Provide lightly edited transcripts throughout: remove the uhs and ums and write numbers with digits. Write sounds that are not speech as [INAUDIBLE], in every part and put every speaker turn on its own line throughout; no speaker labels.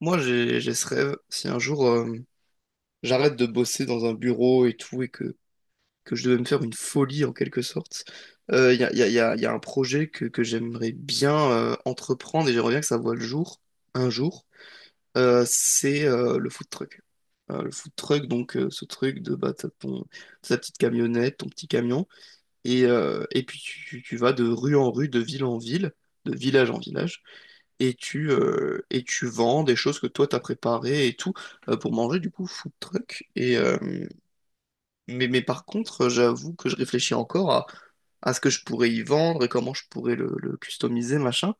Moi, j'ai ce rêve. Si un jour, j'arrête de bosser dans un bureau et tout, et que je devais me faire une folie en quelque sorte, il y a, y a- y a- y a un projet que j'aimerais bien entreprendre et j'aimerais bien que ça voie le jour, un jour. C'est Le food truck. Le food truck, ce truc de bah, t'as ton, ta petite camionnette, ton petit camion, et puis tu vas de rue en rue, de ville en ville, de village en village et et tu vends des choses que toi t'as préparées et tout pour manger du coup food truck. Mais par contre, j'avoue que je réfléchis encore à ce que je pourrais y vendre et comment je pourrais le customiser, machin.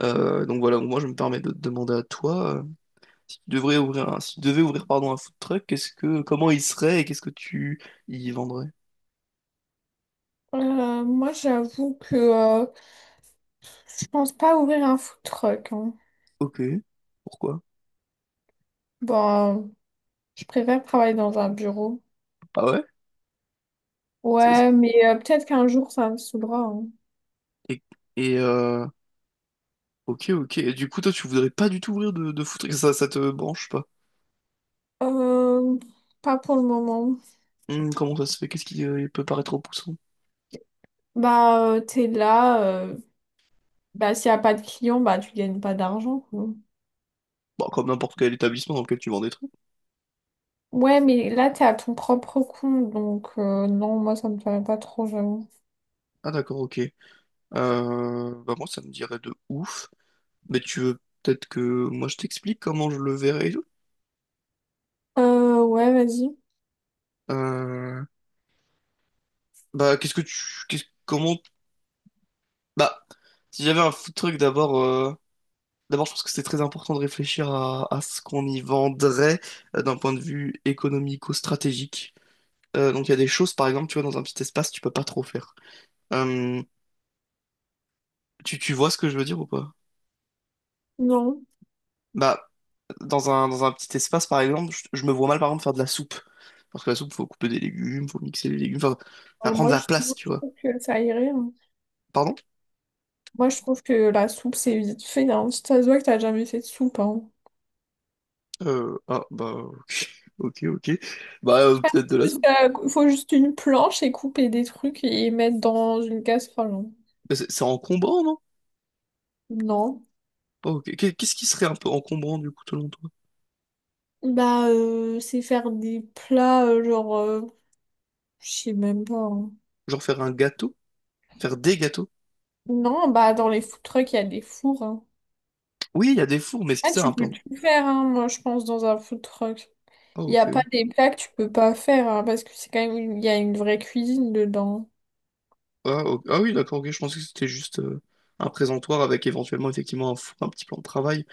Donc voilà, moi je me permets de te demander à toi, si tu devrais si tu devais ouvrir pardon, un food truck, comment il serait et qu'est-ce que tu y vendrais?
Moi, j'avoue que je pense pas ouvrir un food truck, hein.
Ok, pourquoi?
Bon, euh, je préfère travailler dans un bureau.
Ah ouais? Ça- ça-
Ouais, mais peut-être qu'un jour, ça me saoulera, hein.
Et, et, euh, ok, ok. Et du coup, toi tu voudrais pas du tout ouvrir de food truck, ça te branche pas?
Euh, Pas pour le moment.
Comment ça se fait? Qu'est-ce qui peut paraître repoussant?
T'es là. Bah, s'il n'y a pas de clients, bah, tu gagnes pas d'argent, quoi.
Bah, comme n'importe quel établissement dans lequel tu vends des trucs.
Ouais, mais là, t'es à ton propre compte. Donc, non, moi, ça me paraît pas trop, j'avoue.
Ah d'accord, ok. Bah moi, ça me dirait de ouf. Mais tu veux peut-être que moi je t'explique comment je le verrais et tout?
Ouais, vas-y.
Euh, bah qu'est-ce que tu... qu'est-ce- Comment... Bah, si j'avais un fou truc d'abord... D'abord, je pense que c'est très important de réfléchir à ce qu'on y vendrait d'un point de vue économico-stratégique. Donc il y a des choses, par exemple, tu vois, dans un petit espace, tu peux pas trop faire. Euh, Tu vois ce que je veux dire ou pas?
Non.
Bah, dans un petit espace, par exemple, je me vois mal, par exemple, faire de la soupe. Parce que la soupe, faut couper des légumes, faut mixer les légumes, enfin, ça
Euh,
prend de
moi,
la
je,
place,
moi,
tu
je
vois.
trouve que ça irait, hein.
Pardon?
Moi, je trouve que la soupe, c'est vite fait, hein. Ça se voit que t'as jamais fait de soupe, hein.
Bah, ok, ok. Bah, peut-être de la
Juste,
soupe.
faut juste une planche et couper des trucs et mettre dans une casserole, hein.
Mais c'est encombrant, non?
Non.
Oh, ok. Qu'est- Qu'est-ce qui serait un peu encombrant, du coup, selon toi?
C'est faire des plats, genre, je sais même pas, hein.
Genre faire un gâteau? Faire des gâteaux?
Non, bah, dans les food trucks, il y a des fours, hein.
Oui, il y a des fours, mais est-ce que
Ah,
c'est un
tu peux
plan?
tout faire, hein, moi, je pense, dans un food truck.
Ah,
Il n'y a
ok.
pas des plats que tu peux pas faire, hein, parce que c'est quand même, il y a une vraie cuisine dedans.
Ah, ok. Ah oui, d'accord, ok. Je pensais que c'était juste un présentoir avec éventuellement, effectivement, un four, un petit plan de travail.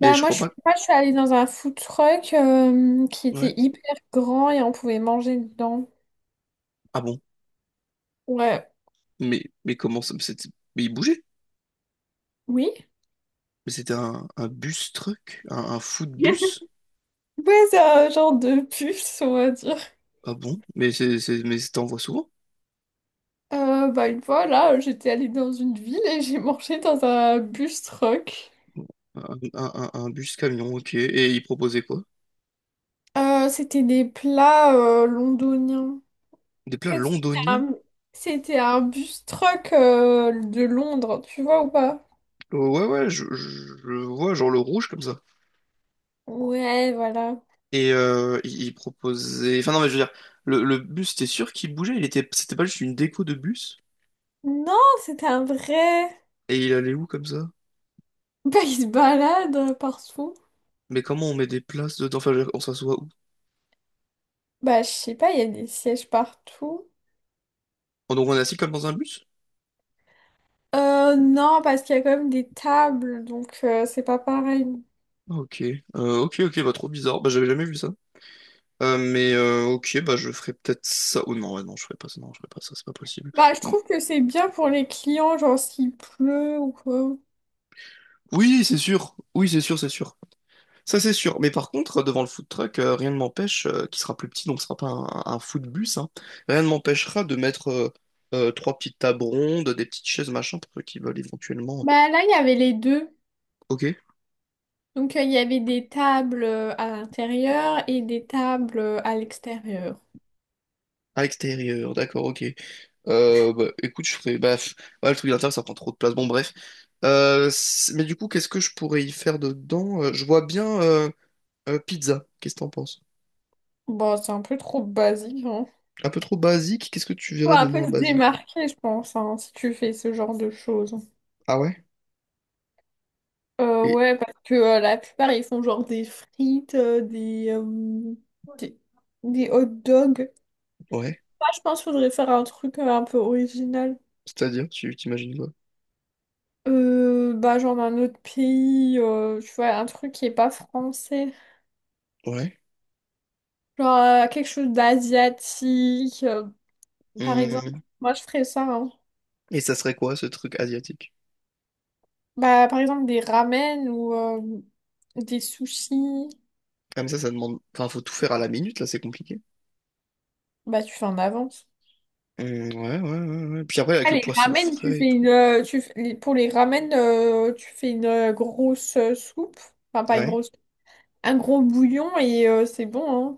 Mais je
moi
crois
je suis
pas.
pas, Je suis allée dans un food truck qui
Ouais.
était hyper grand et on pouvait manger dedans.
Ah bon?
Ouais,
Mais comment ça? Mais c'était- mais il bougeait.
oui. [LAUGHS]
Mais c'était un bus truck, un food bus.
Ouais, c'est un genre de puce, on va dire.
Ah bon? Mais mais t'en vois souvent?
Bah une fois là, j'étais allée dans une ville et j'ai mangé dans un bus truck.
Un, un bus camion, ok. Et il proposait quoi?
C'était des plats londoniens.
Des
En
plats
fait,
londoniens?
c'était un bus truck de Londres, tu vois ou pas?
Ouais, ouais, je vois, genre le rouge comme ça.
Ouais, voilà.
Et il proposait. Enfin, non, mais je veux dire, le bus, t'es sûr qu'il bougeait? C'était pas juste une déco de bus?
Non, c'était un vrai. [LAUGHS]
Et il allait où comme ça?
Bah, il se balade partout.
Mais comment on met des places dedans? Enfin, je veux dire, on s'assoit où?
Bah, je sais pas, il y a des sièges partout.
Oh, donc on est assis comme dans un bus?
Non, parce qu'il y a quand même des tables, donc c'est pas pareil.
Ah, ok, ok, ok, bah trop bizarre. Bah j'avais jamais vu ça. Mais ok, bah je ferai peut-être ça. Oh non, ouais, non, je ferai pas ça, non, je ferai pas ça, c'est pas possible.
Bah, je
Mm.
trouve que c'est bien pour les clients, genre s'il pleut ou quoi.
Oui, c'est sûr, c'est sûr. Ça, c'est sûr. Mais par contre, devant le food truck, rien ne m'empêche, qui sera plus petit, donc ce sera pas un, un food bus, hein, rien ne m'empêchera de mettre trois petites tables rondes, des petites chaises, machin, pour ceux qui veulent éventuellement.
Bah, là, il y avait les deux.
Ok.
Donc, il y avait des tables à l'intérieur et des tables à l'extérieur.
À l'extérieur, d'accord, ok. Bah, écoute, je ferai. Bah, pff, ouais, le truc d'intérieur, ça prend trop de place. Bon, bref. Mais du coup, qu'est-ce que je pourrais y faire dedans? Je vois bien. Pizza, qu'est-ce que t'en penses?
Bon, c'est un peu trop basique, hein.
Un peu trop basique, qu'est-ce que tu
Faut
verrais de
un peu
moins
se
basique?
démarquer, je pense, hein, si tu fais ce genre de choses.
Ah ouais? Et
Ouais, parce que la plupart, ils font genre des frites, des, des hot dogs.
ouais,
Moi, je pense qu'il faudrait faire un truc un peu original.
c'est-à-dire, tu t'imagines quoi?
Genre d'un autre pays, tu vois, un truc qui est pas français.
Ouais.
Genre quelque chose d'asiatique, par exemple.
Hum,
Moi, je ferais ça, hein.
et ça serait quoi ce truc asiatique?
Bah, par exemple, des ramen ou des sushis.
Ah mais ça demande. Enfin, faut tout faire à la minute, là, c'est compliqué.
Bah, tu fais en avance.
Hum, ouais, ouais, ouais, ouais. Puis après, avec
Ah,
le
les
poisson
ramen, tu
frais et
fais
tout.
une, tu fais- les- pour les ramen, tu fais une grosse soupe, enfin pas une
Ouais.
grosse, un gros bouillon et c'est bon, hein.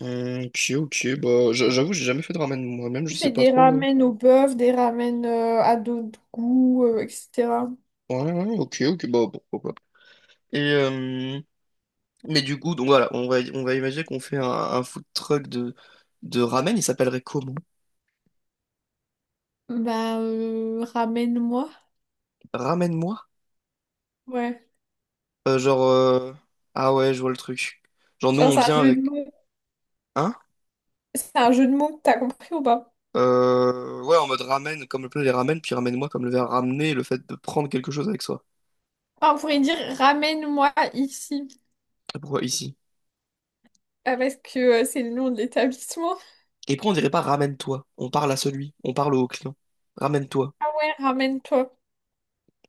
Ok, ok, bah j'avoue, j'ai jamais fait de ramen moi-même,
Tu
je
fais
sais pas
des
trop.
ramen au bœuf, des ramen à d'autres goûts, etc.
Ouais, ouais, ok, ok, bah pourquoi pas. Et mais du coup, donc voilà, on va imaginer qu'on fait un food truck de ramen, il s'appellerait comment?
Ramen-moi.
Ramène-moi?
Ouais.
Euh, genre, euh, ah ouais, je vois le truc. Genre, nous,
Genre,
on
c'est un
vient
jeu de
avec.
mots.
Hein?
C'est un jeu de mots, t'as compris ou pas?
Ouais, en mode ramène, comme le plat les ramène, puis ramène-moi, comme le verbe ramener, le fait de prendre quelque chose avec soi.
Ah, on pourrait dire ramène-moi ici.
Et pourquoi ici?
Ah, parce que c'est le nom de l'établissement.
Et puis, on dirait pas ramène-toi. On parle à celui, on parle au client. Ramène-toi.
Ah ouais, ramène-toi.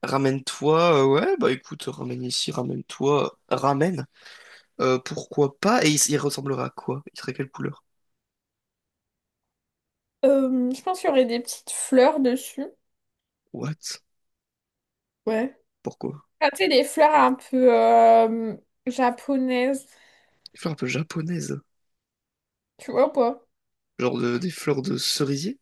Ramène-toi, ouais, bah écoute, ramène ici, ramène-toi, ramène. Pourquoi pas? Et il ressemblerait à quoi? Il serait quelle couleur?
Je pense qu'il y aurait des petites fleurs dessus.
What?
Ouais.
Pourquoi?
Ah, tu sais, les fleurs un peu japonaises,
Une fleur un peu japonaise.
tu vois ou pas?
Des fleurs de cerisier?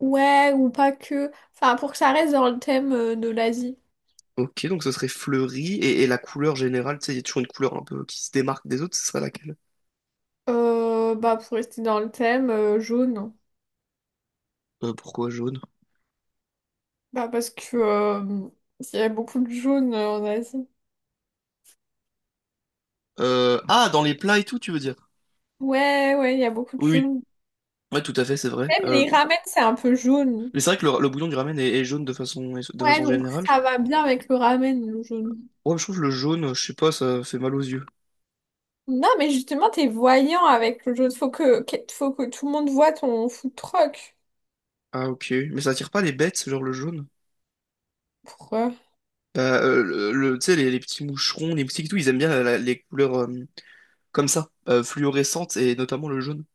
Ouais, ou pas que. Enfin, pour que ça reste dans le thème de l'Asie.
Ok, donc ce serait fleuri. Et la couleur générale, tu sais, il y a toujours une couleur un peu qui se démarque des autres, ce serait laquelle?
Pour rester dans le thème, jaune.
Pourquoi jaune?
Bah, parce que Il y a beaucoup de jaune en Asie.
Dans les plats et tout, tu veux dire?
Ouais, ouais, il y a beaucoup de
Oui, oui.
jaune.
Ouais, tout à fait, c'est vrai.
Même les ramen, c'est un peu jaune.
Mais c'est vrai que le bouillon du ramen est, est jaune de
Ouais,
façon
donc
générale.
ça va bien avec le ramen, le jaune.
Ouais, je trouve que le jaune, je sais pas, ça fait mal aux yeux.
Non, mais justement, t'es voyant avec le jaune. Faut que tout le monde voit ton food truck.
Ah, ok. Mais ça attire pas les bêtes, ce genre le jaune?
Pourquoi?
Bah, tu sais, les petits moucherons, les moustiques et tout, ils aiment bien les couleurs comme ça, fluorescentes, et notamment le jaune.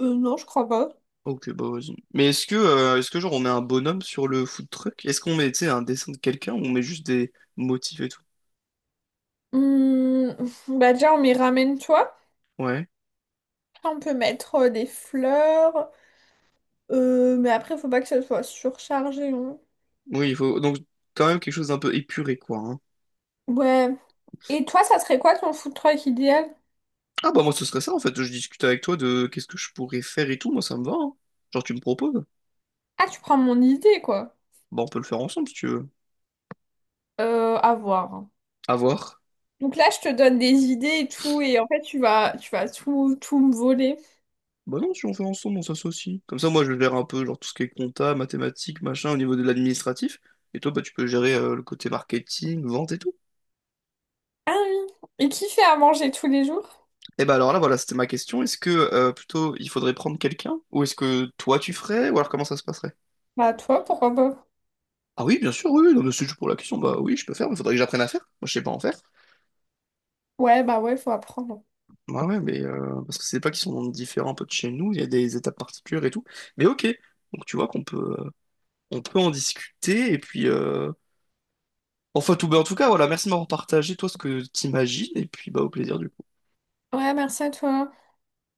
Non, je crois pas.
Ok, bah vas-y. Mais est-ce que genre on met un bonhomme sur le food truck? Est-ce qu'on met, tu sais, un dessin de quelqu'un ou on met juste des motifs et tout?
Hum, bah déjà, on met ramène-toi.
Ouais.
Après, on peut mettre des fleurs. Mais après, faut pas que ça soit surchargé, hein.
Oui, il faut donc quand même quelque chose d'un peu épuré, quoi. Hein.
Ouais. Et toi, ça serait quoi ton food truck idéal?
Ah bah moi ce serait ça en fait. Je discute avec toi de qu'est-ce que je pourrais faire et tout. Moi ça me va. Hein. Genre tu me proposes.
Ah, tu prends mon idée, quoi.
Bah on peut le faire ensemble si tu veux.
À voir.
À voir.
Donc là, je te donne des idées et tout. Et en fait, tu vas tout me voler.
Bah non, si on fait ensemble, on s'associe. Comme ça moi je gère un peu genre tout ce qui est compta, mathématiques, machin au niveau de l'administratif. Et toi bah tu peux gérer le côté marketing, vente et tout.
Ah oui. Et qui fait à manger tous les jours?
Et ben alors là, voilà, c'était ma question. Est-ce que plutôt il faudrait prendre quelqu'un? Ou est-ce que toi tu ferais? Ou alors comment ça se passerait?
Bah, toi, pourquoi pas?
Ah oui, bien sûr, oui, oui, non, mais c'est juste pour la question. Bah oui, je peux faire, mais faudrait que j'apprenne à faire. Moi, je sais pas en faire.
Ouais, bah ouais, faut apprendre.
Ouais, ouais, parce que c'est pas qu'ils sont différents un peu de chez nous, il y a des étapes particulières et tout. Mais ok, donc tu vois qu'on peut, on peut en discuter. Et puis, enfin, tout, bah, en tout cas, voilà, merci de m'avoir partagé, toi, ce que t'imagines. Et puis, bah, au plaisir, du coup.
Ouais, merci à toi.